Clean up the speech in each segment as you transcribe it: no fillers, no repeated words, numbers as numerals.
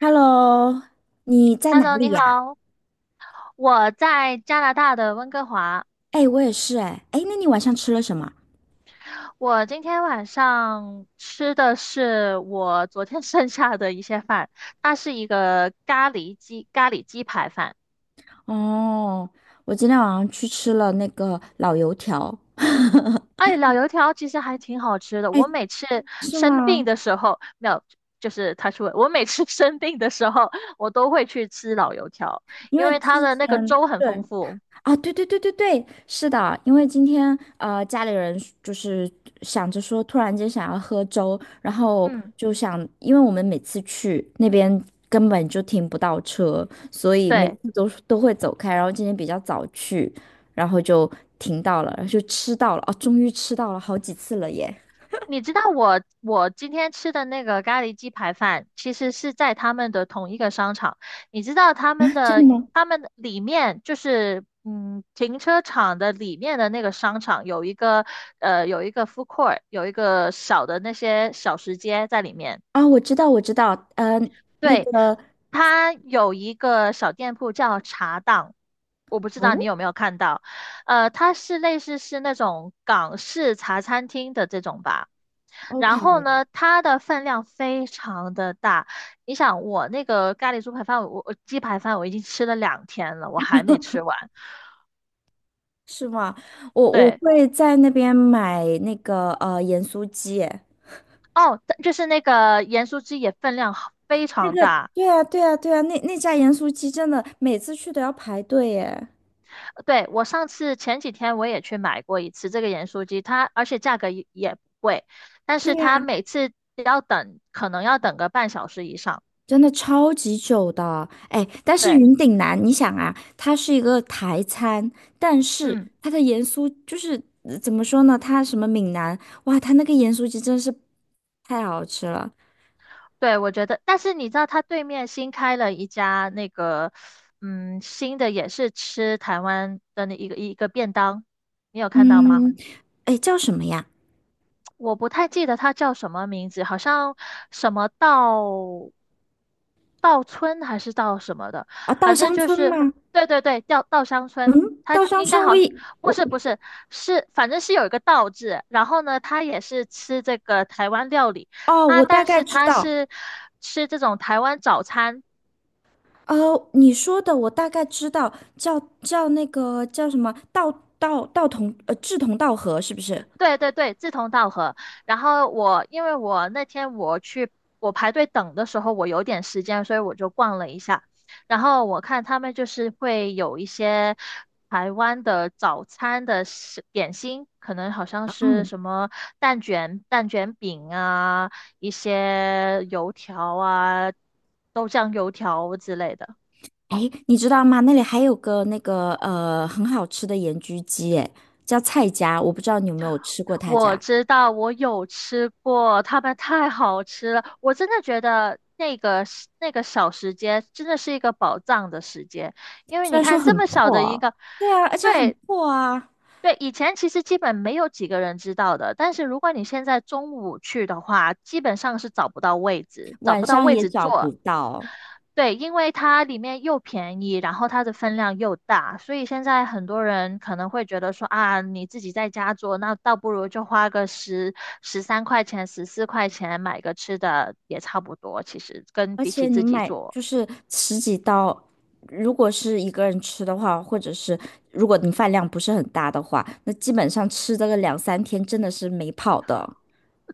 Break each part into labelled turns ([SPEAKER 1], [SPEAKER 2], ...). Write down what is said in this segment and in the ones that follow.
[SPEAKER 1] Hello，你在哪
[SPEAKER 2] Hello，
[SPEAKER 1] 里
[SPEAKER 2] 你
[SPEAKER 1] 呀？
[SPEAKER 2] 好，我在加拿大的温哥华。
[SPEAKER 1] 哎，我也是哎，哎，那你晚上吃了什么？
[SPEAKER 2] 我今天晚上吃的是我昨天 剩下的一些饭，它是一个咖喱鸡排饭。
[SPEAKER 1] 哦，我今天晚上去吃了那个老油条。
[SPEAKER 2] 哎，老油条其实还挺好吃的。我每次
[SPEAKER 1] 是
[SPEAKER 2] 生病
[SPEAKER 1] 吗？
[SPEAKER 2] 的时候，没有，就是他说我每次 生病的时候，我都会去吃老油条，
[SPEAKER 1] 因
[SPEAKER 2] 因
[SPEAKER 1] 为
[SPEAKER 2] 为它
[SPEAKER 1] 之
[SPEAKER 2] 的那个
[SPEAKER 1] 前
[SPEAKER 2] 粥很
[SPEAKER 1] 对，
[SPEAKER 2] 丰富。
[SPEAKER 1] 啊，对对对对对，是的，因为今天家里人就是想着说，突然间想要喝粥，然后
[SPEAKER 2] 嗯，
[SPEAKER 1] 就想，因为我们每次去那边根本就停不到车，所以每
[SPEAKER 2] 对。
[SPEAKER 1] 次都会走开，然后今天比较早去，然后就停到了，然后就吃到了，哦，终于吃到了好几次了耶！
[SPEAKER 2] 你知道我今天吃的那个咖喱鸡排饭，其实是在他们的同一个商场。你知道他们
[SPEAKER 1] 真的
[SPEAKER 2] 的
[SPEAKER 1] 吗？
[SPEAKER 2] 他们的里面就是停车场的里面的那个商场有一个 food court，有一个小的那些小食街在里面。
[SPEAKER 1] 啊，我知道，我知道，那
[SPEAKER 2] 对，
[SPEAKER 1] 个，
[SPEAKER 2] 它有一个小店铺叫茶档，我不知道你
[SPEAKER 1] 哦
[SPEAKER 2] 有没有看到，它是类似是那种港式茶餐厅的这种吧。然后
[SPEAKER 1] ，OK，
[SPEAKER 2] 呢，它的分量非常的大。你想，我那个咖喱猪排饭，我鸡排饭我已经吃了两天了，我还没吃完。
[SPEAKER 1] 是吗？我
[SPEAKER 2] 对，
[SPEAKER 1] 会在那边买那个盐酥鸡耶
[SPEAKER 2] 哦，它就是那个盐酥鸡也分量好非
[SPEAKER 1] 那
[SPEAKER 2] 常
[SPEAKER 1] 个，
[SPEAKER 2] 大。
[SPEAKER 1] 对啊，对啊，对啊，那家盐酥鸡真的每次去都要排队耶。
[SPEAKER 2] 对，我上次前几天我也去买过一次这个盐酥鸡，它而且价格也不贵，但
[SPEAKER 1] 对
[SPEAKER 2] 是它
[SPEAKER 1] 呀，
[SPEAKER 2] 每次要等，可能要等个半小时以上。
[SPEAKER 1] 真的超级久的。哎，但是
[SPEAKER 2] 对，
[SPEAKER 1] 云顶南，你想啊，它是一个台餐，但是
[SPEAKER 2] 嗯，
[SPEAKER 1] 它的盐酥就是怎么说呢？它什么闽南，哇，它那个盐酥鸡真是太好吃了。
[SPEAKER 2] 对，我觉得，但是你知道它对面新开了一家那个，嗯，新的也是吃台湾的那一个便当，你有看到吗？
[SPEAKER 1] 嗯，哎，叫什么呀？
[SPEAKER 2] 我不太记得它叫什么名字，好像什么稻村还是稻什么的，
[SPEAKER 1] 啊，稻
[SPEAKER 2] 反正
[SPEAKER 1] 香
[SPEAKER 2] 就
[SPEAKER 1] 村
[SPEAKER 2] 是
[SPEAKER 1] 吗？
[SPEAKER 2] 对对对，稻香村，
[SPEAKER 1] 嗯，
[SPEAKER 2] 它
[SPEAKER 1] 稻香
[SPEAKER 2] 应该
[SPEAKER 1] 村我
[SPEAKER 2] 好，不
[SPEAKER 1] 我
[SPEAKER 2] 是不是是，反正是有一个稻字，然后呢，它也是吃这个台湾料理，
[SPEAKER 1] 哦，我
[SPEAKER 2] 它
[SPEAKER 1] 大
[SPEAKER 2] 但
[SPEAKER 1] 概
[SPEAKER 2] 是
[SPEAKER 1] 知
[SPEAKER 2] 它
[SPEAKER 1] 道，
[SPEAKER 2] 是吃这种台湾早餐，
[SPEAKER 1] 哦，你说的我大概知道，叫那个叫什么道道道同呃志同道合是不是？
[SPEAKER 2] 对对对，志同道合。然后我因为我那天我排队等的时候，我有点时间，所以我就逛了一下。然后我看他们就是会有一些台湾的早餐的点心，可能好像是
[SPEAKER 1] 嗯，
[SPEAKER 2] 什么蛋卷饼啊，一些油条啊、豆浆油条之类的。
[SPEAKER 1] 哎，你知道吗？那里还有个那个很好吃的盐焗鸡，哎，叫蔡家，我不知道你有没有吃过他
[SPEAKER 2] 我
[SPEAKER 1] 家，
[SPEAKER 2] 知道，我有吃过，他们太好吃了。我真的觉得那个时那个小时间真的是一个宝藏的时间，因为
[SPEAKER 1] 虽
[SPEAKER 2] 你
[SPEAKER 1] 然说
[SPEAKER 2] 看这
[SPEAKER 1] 很
[SPEAKER 2] 么小
[SPEAKER 1] 破
[SPEAKER 2] 的一
[SPEAKER 1] 哦
[SPEAKER 2] 个，
[SPEAKER 1] 对啊，而且很
[SPEAKER 2] 对
[SPEAKER 1] 破啊，
[SPEAKER 2] 对，以前其实基本没有几个人知道的，但是如果你现在中午去的话，基本上是找不到位置，找
[SPEAKER 1] 晚
[SPEAKER 2] 不到
[SPEAKER 1] 上
[SPEAKER 2] 位
[SPEAKER 1] 也
[SPEAKER 2] 置
[SPEAKER 1] 找
[SPEAKER 2] 坐，
[SPEAKER 1] 不到。
[SPEAKER 2] 对，因为它里面又便宜，然后它的分量又大，所以现在很多人可能会觉得说啊，你自己在家做，那倒不如就花个十三块钱、14块钱买个吃的也差不多。其实跟
[SPEAKER 1] 而
[SPEAKER 2] 比起
[SPEAKER 1] 且你
[SPEAKER 2] 自己
[SPEAKER 1] 买
[SPEAKER 2] 做，
[SPEAKER 1] 就是十几刀，如果是一个人吃的话，或者是如果你饭量不是很大的话，那基本上吃这个两三天真的是没跑的，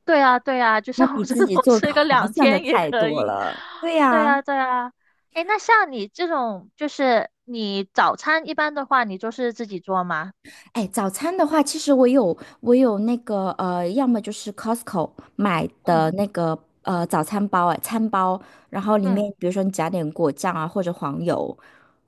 [SPEAKER 2] 对啊，对啊，就
[SPEAKER 1] 那
[SPEAKER 2] 像我
[SPEAKER 1] 比
[SPEAKER 2] 这
[SPEAKER 1] 自
[SPEAKER 2] 种
[SPEAKER 1] 己 做个
[SPEAKER 2] 吃 个
[SPEAKER 1] 划
[SPEAKER 2] 两
[SPEAKER 1] 算的
[SPEAKER 2] 天也
[SPEAKER 1] 太
[SPEAKER 2] 可
[SPEAKER 1] 多
[SPEAKER 2] 以。
[SPEAKER 1] 了。对
[SPEAKER 2] 对
[SPEAKER 1] 呀、
[SPEAKER 2] 啊，对啊。诶，那像你这种，就是你早餐一般的话，你就是自己做吗？
[SPEAKER 1] 哎，早餐的话，其实我有那个要么就是 Costco 买
[SPEAKER 2] 嗯
[SPEAKER 1] 的那个早餐包，哎，餐包，然后里
[SPEAKER 2] 嗯，
[SPEAKER 1] 面比如说你加点果酱啊，或者黄油，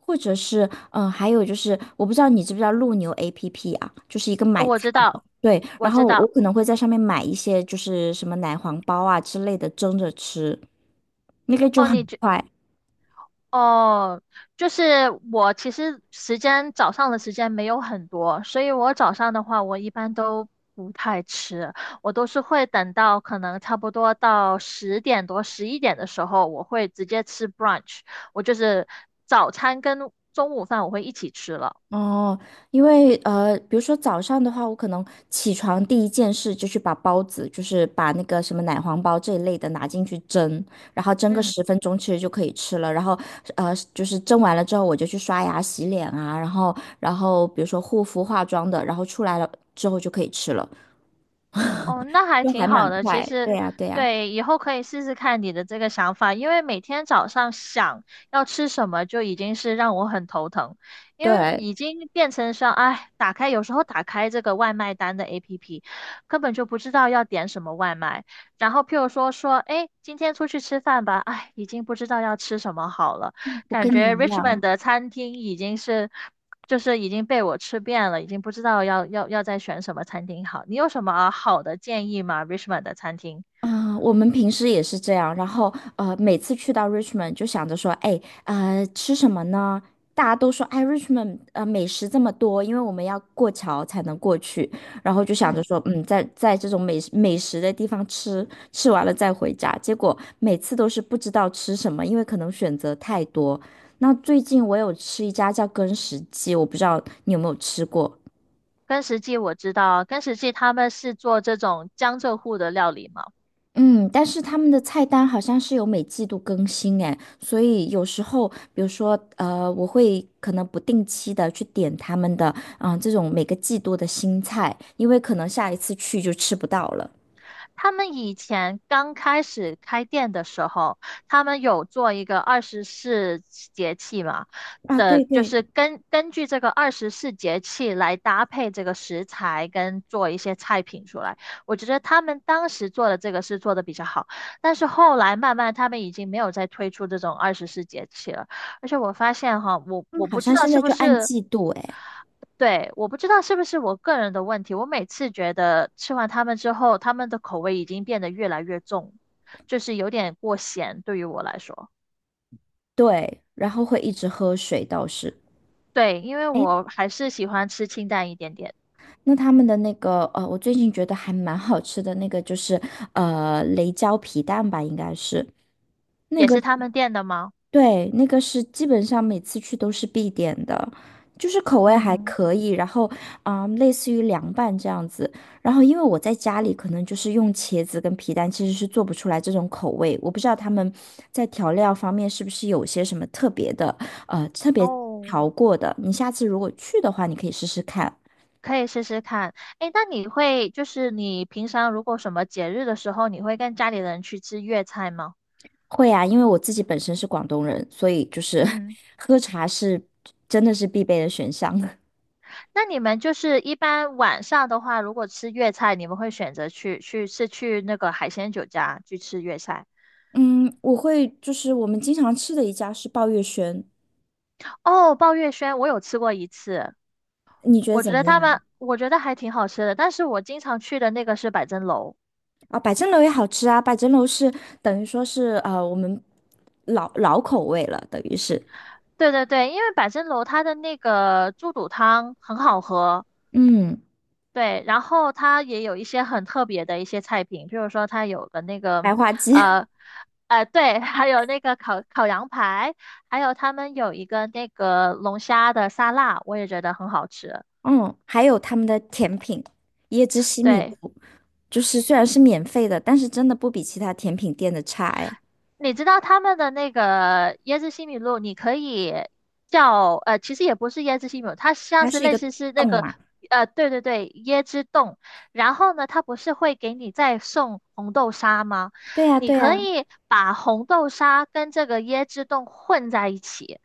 [SPEAKER 1] 或者是还有就是我不知道你知不知道陆牛 APP 啊，就是一个
[SPEAKER 2] 哦
[SPEAKER 1] 买菜
[SPEAKER 2] 我知道，
[SPEAKER 1] 对，
[SPEAKER 2] 我
[SPEAKER 1] 然
[SPEAKER 2] 知
[SPEAKER 1] 后我
[SPEAKER 2] 道。
[SPEAKER 1] 可能会在上面买一些就是什么奶黄包啊之类的蒸着吃，那个就
[SPEAKER 2] 哦，你。
[SPEAKER 1] 很快。
[SPEAKER 2] 哦，就是我其实早上的时间没有很多，所以我早上的话，我一般都不太吃，我都是会等到可能差不多到10点多、11点的时候，我会直接吃 brunch，我就是早餐跟中午饭我会一起吃了。
[SPEAKER 1] 哦，因为比如说早上的话，我可能起床第一件事就去把包子，就是把那个什么奶黄包这一类的拿进去蒸，然后蒸个
[SPEAKER 2] 嗯。
[SPEAKER 1] 10分钟，其实就可以吃了。然后就是蒸完了之后，我就去刷牙、洗脸啊，然后比如说护肤、化妆的，然后出来了之后就可以吃了，
[SPEAKER 2] 哦，那还
[SPEAKER 1] 就还
[SPEAKER 2] 挺好
[SPEAKER 1] 蛮
[SPEAKER 2] 的。其
[SPEAKER 1] 快。
[SPEAKER 2] 实，
[SPEAKER 1] 对呀，对呀，
[SPEAKER 2] 对，以后可以试试看你的这个想法，因为每天早上想要吃什么就已经是让我很头疼，因为
[SPEAKER 1] 对，
[SPEAKER 2] 已经变成像，哎，有时候打开这个外卖单的 APP，根本就不知道要点什么外卖。然后譬如说，哎，今天出去吃饭吧，哎，已经不知道要吃什么好了，
[SPEAKER 1] 我
[SPEAKER 2] 感
[SPEAKER 1] 跟你
[SPEAKER 2] 觉
[SPEAKER 1] 一
[SPEAKER 2] Richmond
[SPEAKER 1] 样。
[SPEAKER 2] 的餐厅已经是。就是已经被我吃遍了，已经不知道要再选什么餐厅好。你有什么好的建议吗？Richmond 的餐厅，
[SPEAKER 1] 啊、我们平时也是这样，然后每次去到 Richmond 就想着说，哎，吃什么呢？大家都说，哎，Richmond 美食这么多，因为我们要过桥才能过去，然后就想着
[SPEAKER 2] 嗯，
[SPEAKER 1] 说，在这种美食的地方吃，吃完了再回家。结果每次都是不知道吃什么，因为可能选择太多。那最近我有吃一家叫根石记，我不知道你有没有吃过。
[SPEAKER 2] 根石记我知道，根石记他们是做这种江浙沪的料理嘛。
[SPEAKER 1] 嗯，但是他们的菜单好像是有每季度更新哎，所以有时候，比如说，我会可能不定期的去点他们的，啊，这种每个季度的新菜，因为可能下一次去就吃不到了。
[SPEAKER 2] 他们以前刚开始开店的时候，他们有做一个二十四节气嘛
[SPEAKER 1] 啊，
[SPEAKER 2] 的，
[SPEAKER 1] 对
[SPEAKER 2] 就
[SPEAKER 1] 对，
[SPEAKER 2] 是根据这个二十四节气来搭配这个食材跟做一些菜品出来。我觉得他们当时做的这个是做的比较好，但是后来慢慢他们已经没有再推出这种二十四节气了。而且我发现哈，我
[SPEAKER 1] 他们
[SPEAKER 2] 我
[SPEAKER 1] 好
[SPEAKER 2] 不知
[SPEAKER 1] 像
[SPEAKER 2] 道
[SPEAKER 1] 现在
[SPEAKER 2] 是不
[SPEAKER 1] 就按
[SPEAKER 2] 是
[SPEAKER 1] 季度哎，
[SPEAKER 2] 对，我不知道是不是我个人的问题，我每次觉得吃完它们之后，它们的口味已经变得越来越重，就是有点过咸对于我来说。
[SPEAKER 1] 对，然后会一直喝水倒是。
[SPEAKER 2] 对，因为
[SPEAKER 1] 哎，
[SPEAKER 2] 我还是喜欢吃清淡一点点，
[SPEAKER 1] 那他们的那个，我最近觉得还蛮好吃的那个就是，雷椒皮蛋吧，应该是。那
[SPEAKER 2] 也
[SPEAKER 1] 个。
[SPEAKER 2] 是他们店的吗？
[SPEAKER 1] 对，那个是基本上每次去都是必点的，就是口味还
[SPEAKER 2] 嗯，
[SPEAKER 1] 可以，然后类似于凉拌这样子。然后因为我在家里可能就是用茄子跟皮蛋，其实是做不出来这种口味。我不知道他们在调料方面是不是有些什么特别的，特别
[SPEAKER 2] 哦，
[SPEAKER 1] 调过的。你下次如果去的话，你可以试试看。
[SPEAKER 2] 可以试试看。诶，那你会就是你平常如果什么节日的时候，你会跟家里人去吃粤菜吗？
[SPEAKER 1] 会啊，因为我自己本身是广东人，所以就是
[SPEAKER 2] 嗯。
[SPEAKER 1] 喝茶是真的是必备的选项。
[SPEAKER 2] 那你们就是一般晚上的话，如果吃粤菜，你们会选择去那个海鲜酒家去吃粤菜？
[SPEAKER 1] 嗯，我会就是我们经常吃的一家是抱月轩，
[SPEAKER 2] 哦，鲍月轩我有吃过一次，
[SPEAKER 1] 你觉得
[SPEAKER 2] 我觉
[SPEAKER 1] 怎
[SPEAKER 2] 得
[SPEAKER 1] 么
[SPEAKER 2] 他
[SPEAKER 1] 样？
[SPEAKER 2] 们我觉得还挺好吃的，但是我经常去的那个是百珍楼。
[SPEAKER 1] 啊，百珍楼也好吃啊，百珍楼是等于说是我们老老口味了，等于是
[SPEAKER 2] 对对对，因为百珍楼它的那个猪肚汤很好喝，
[SPEAKER 1] 嗯
[SPEAKER 2] 对，然后它也有一些很特别的一些菜品，譬如说它有个那个，
[SPEAKER 1] 白花鸡，
[SPEAKER 2] 呃，对，还有那个烤羊排，还有他们有一个那个龙虾的沙拉，我也觉得很好吃。
[SPEAKER 1] 嗯，还有他们的甜品椰汁西米
[SPEAKER 2] 对。
[SPEAKER 1] 露，就是虽然是免费的，但是真的不比其他甜品店的差哎，
[SPEAKER 2] 你知道他们的那个椰汁西米露，你可以其实也不是椰汁西米露，它像
[SPEAKER 1] 它
[SPEAKER 2] 是
[SPEAKER 1] 是一
[SPEAKER 2] 类
[SPEAKER 1] 个
[SPEAKER 2] 似是那
[SPEAKER 1] 洞
[SPEAKER 2] 个
[SPEAKER 1] 嘛，
[SPEAKER 2] 对对对，椰汁冻。然后呢，它不是会给你再送红豆沙吗？
[SPEAKER 1] 对呀
[SPEAKER 2] 你
[SPEAKER 1] 对
[SPEAKER 2] 可
[SPEAKER 1] 呀，
[SPEAKER 2] 以把红豆沙跟这个椰汁冻混在一起，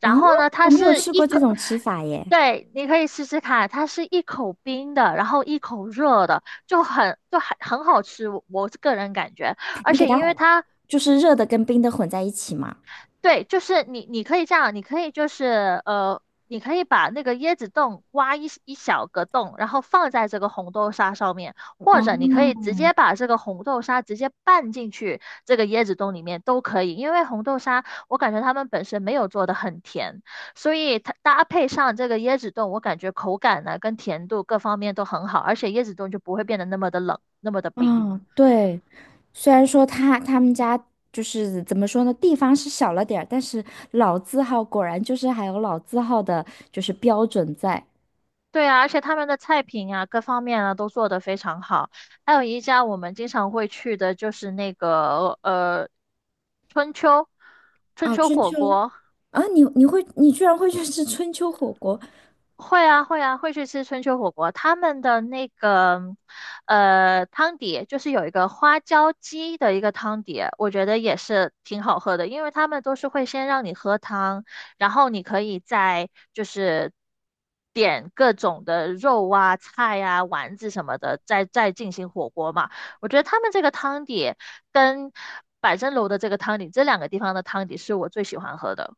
[SPEAKER 2] 然
[SPEAKER 1] 嗯，
[SPEAKER 2] 后呢，它
[SPEAKER 1] 我没有
[SPEAKER 2] 是
[SPEAKER 1] 试
[SPEAKER 2] 一
[SPEAKER 1] 过这
[SPEAKER 2] 口，
[SPEAKER 1] 种吃法耶，
[SPEAKER 2] 对，你可以试试看，它是一口冰的，然后一口热的，就很好吃，我个人感觉。而
[SPEAKER 1] 你给
[SPEAKER 2] 且
[SPEAKER 1] 它
[SPEAKER 2] 因为它
[SPEAKER 1] 就是热的跟冰的混在一起嘛。
[SPEAKER 2] 对，就是你可以这样，你可以把那个椰子冻挖一小个洞，然后放在这个红豆沙上面，或
[SPEAKER 1] 哦
[SPEAKER 2] 者你可以直接把这个红豆沙直接拌进去这个椰子冻里面都可以，因为红豆沙我感觉他们本身没有做的很甜，所以它搭配上这个椰子冻，我感觉口感呢跟甜度各方面都很好，而且椰子冻就不会变得那么的冷，那么的冰。
[SPEAKER 1] 嗯，对，虽然说他们家就是怎么说呢，地方是小了点儿，但是老字号果然就是还有老字号的，就是标准在。
[SPEAKER 2] 对啊，而且他们的菜品啊，各方面啊都做得非常好。还有一家我们经常会去的，就是那个春秋春
[SPEAKER 1] 啊，
[SPEAKER 2] 秋
[SPEAKER 1] 春
[SPEAKER 2] 火
[SPEAKER 1] 秋
[SPEAKER 2] 锅，
[SPEAKER 1] 啊，你居然会去吃春秋火锅？
[SPEAKER 2] 会啊，会啊，会去吃春秋火锅。他们的那个，汤底就是有一个花椒鸡的一个汤底，我觉得也是挺好喝的，因为他们都是会先让你喝汤，然后你可以再就是点各种的肉啊、菜啊、丸子什么的，再进行火锅嘛。我觉得他们这个汤底跟百珍楼的这个汤底，这两个地方的汤底是我最喜欢喝的。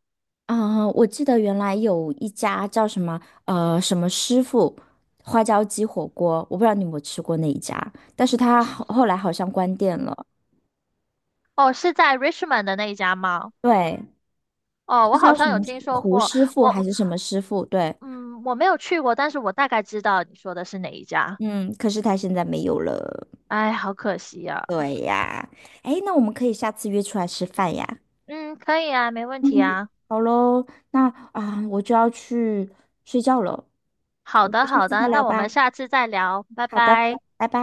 [SPEAKER 1] 嗯，我记得原来有一家叫什么什么师傅花椒鸡火锅，我不知道你有没有吃过那一家，但是他后来好像关店了。
[SPEAKER 2] 哦，是在 Richmond 的那一家吗？
[SPEAKER 1] 对，
[SPEAKER 2] 哦，
[SPEAKER 1] 是
[SPEAKER 2] 我好
[SPEAKER 1] 叫
[SPEAKER 2] 像
[SPEAKER 1] 什
[SPEAKER 2] 有
[SPEAKER 1] 么
[SPEAKER 2] 听说过，
[SPEAKER 1] 师傅
[SPEAKER 2] 我
[SPEAKER 1] 还是什么师傅？对。
[SPEAKER 2] 嗯，我没有去过，但是我大概知道你说的是哪一家。
[SPEAKER 1] 嗯，可是他现在没有了。
[SPEAKER 2] 哎，好可惜呀、
[SPEAKER 1] 哎，那我们可以下次约出来吃饭呀。
[SPEAKER 2] 嗯，可以啊，没问题啊。
[SPEAKER 1] 好喽，那啊，我就要去睡觉了，我
[SPEAKER 2] 好
[SPEAKER 1] 们
[SPEAKER 2] 的，
[SPEAKER 1] 下
[SPEAKER 2] 好
[SPEAKER 1] 次再
[SPEAKER 2] 的，
[SPEAKER 1] 聊
[SPEAKER 2] 那我们
[SPEAKER 1] 吧。
[SPEAKER 2] 下次再聊，拜
[SPEAKER 1] 好的，
[SPEAKER 2] 拜。
[SPEAKER 1] 拜拜。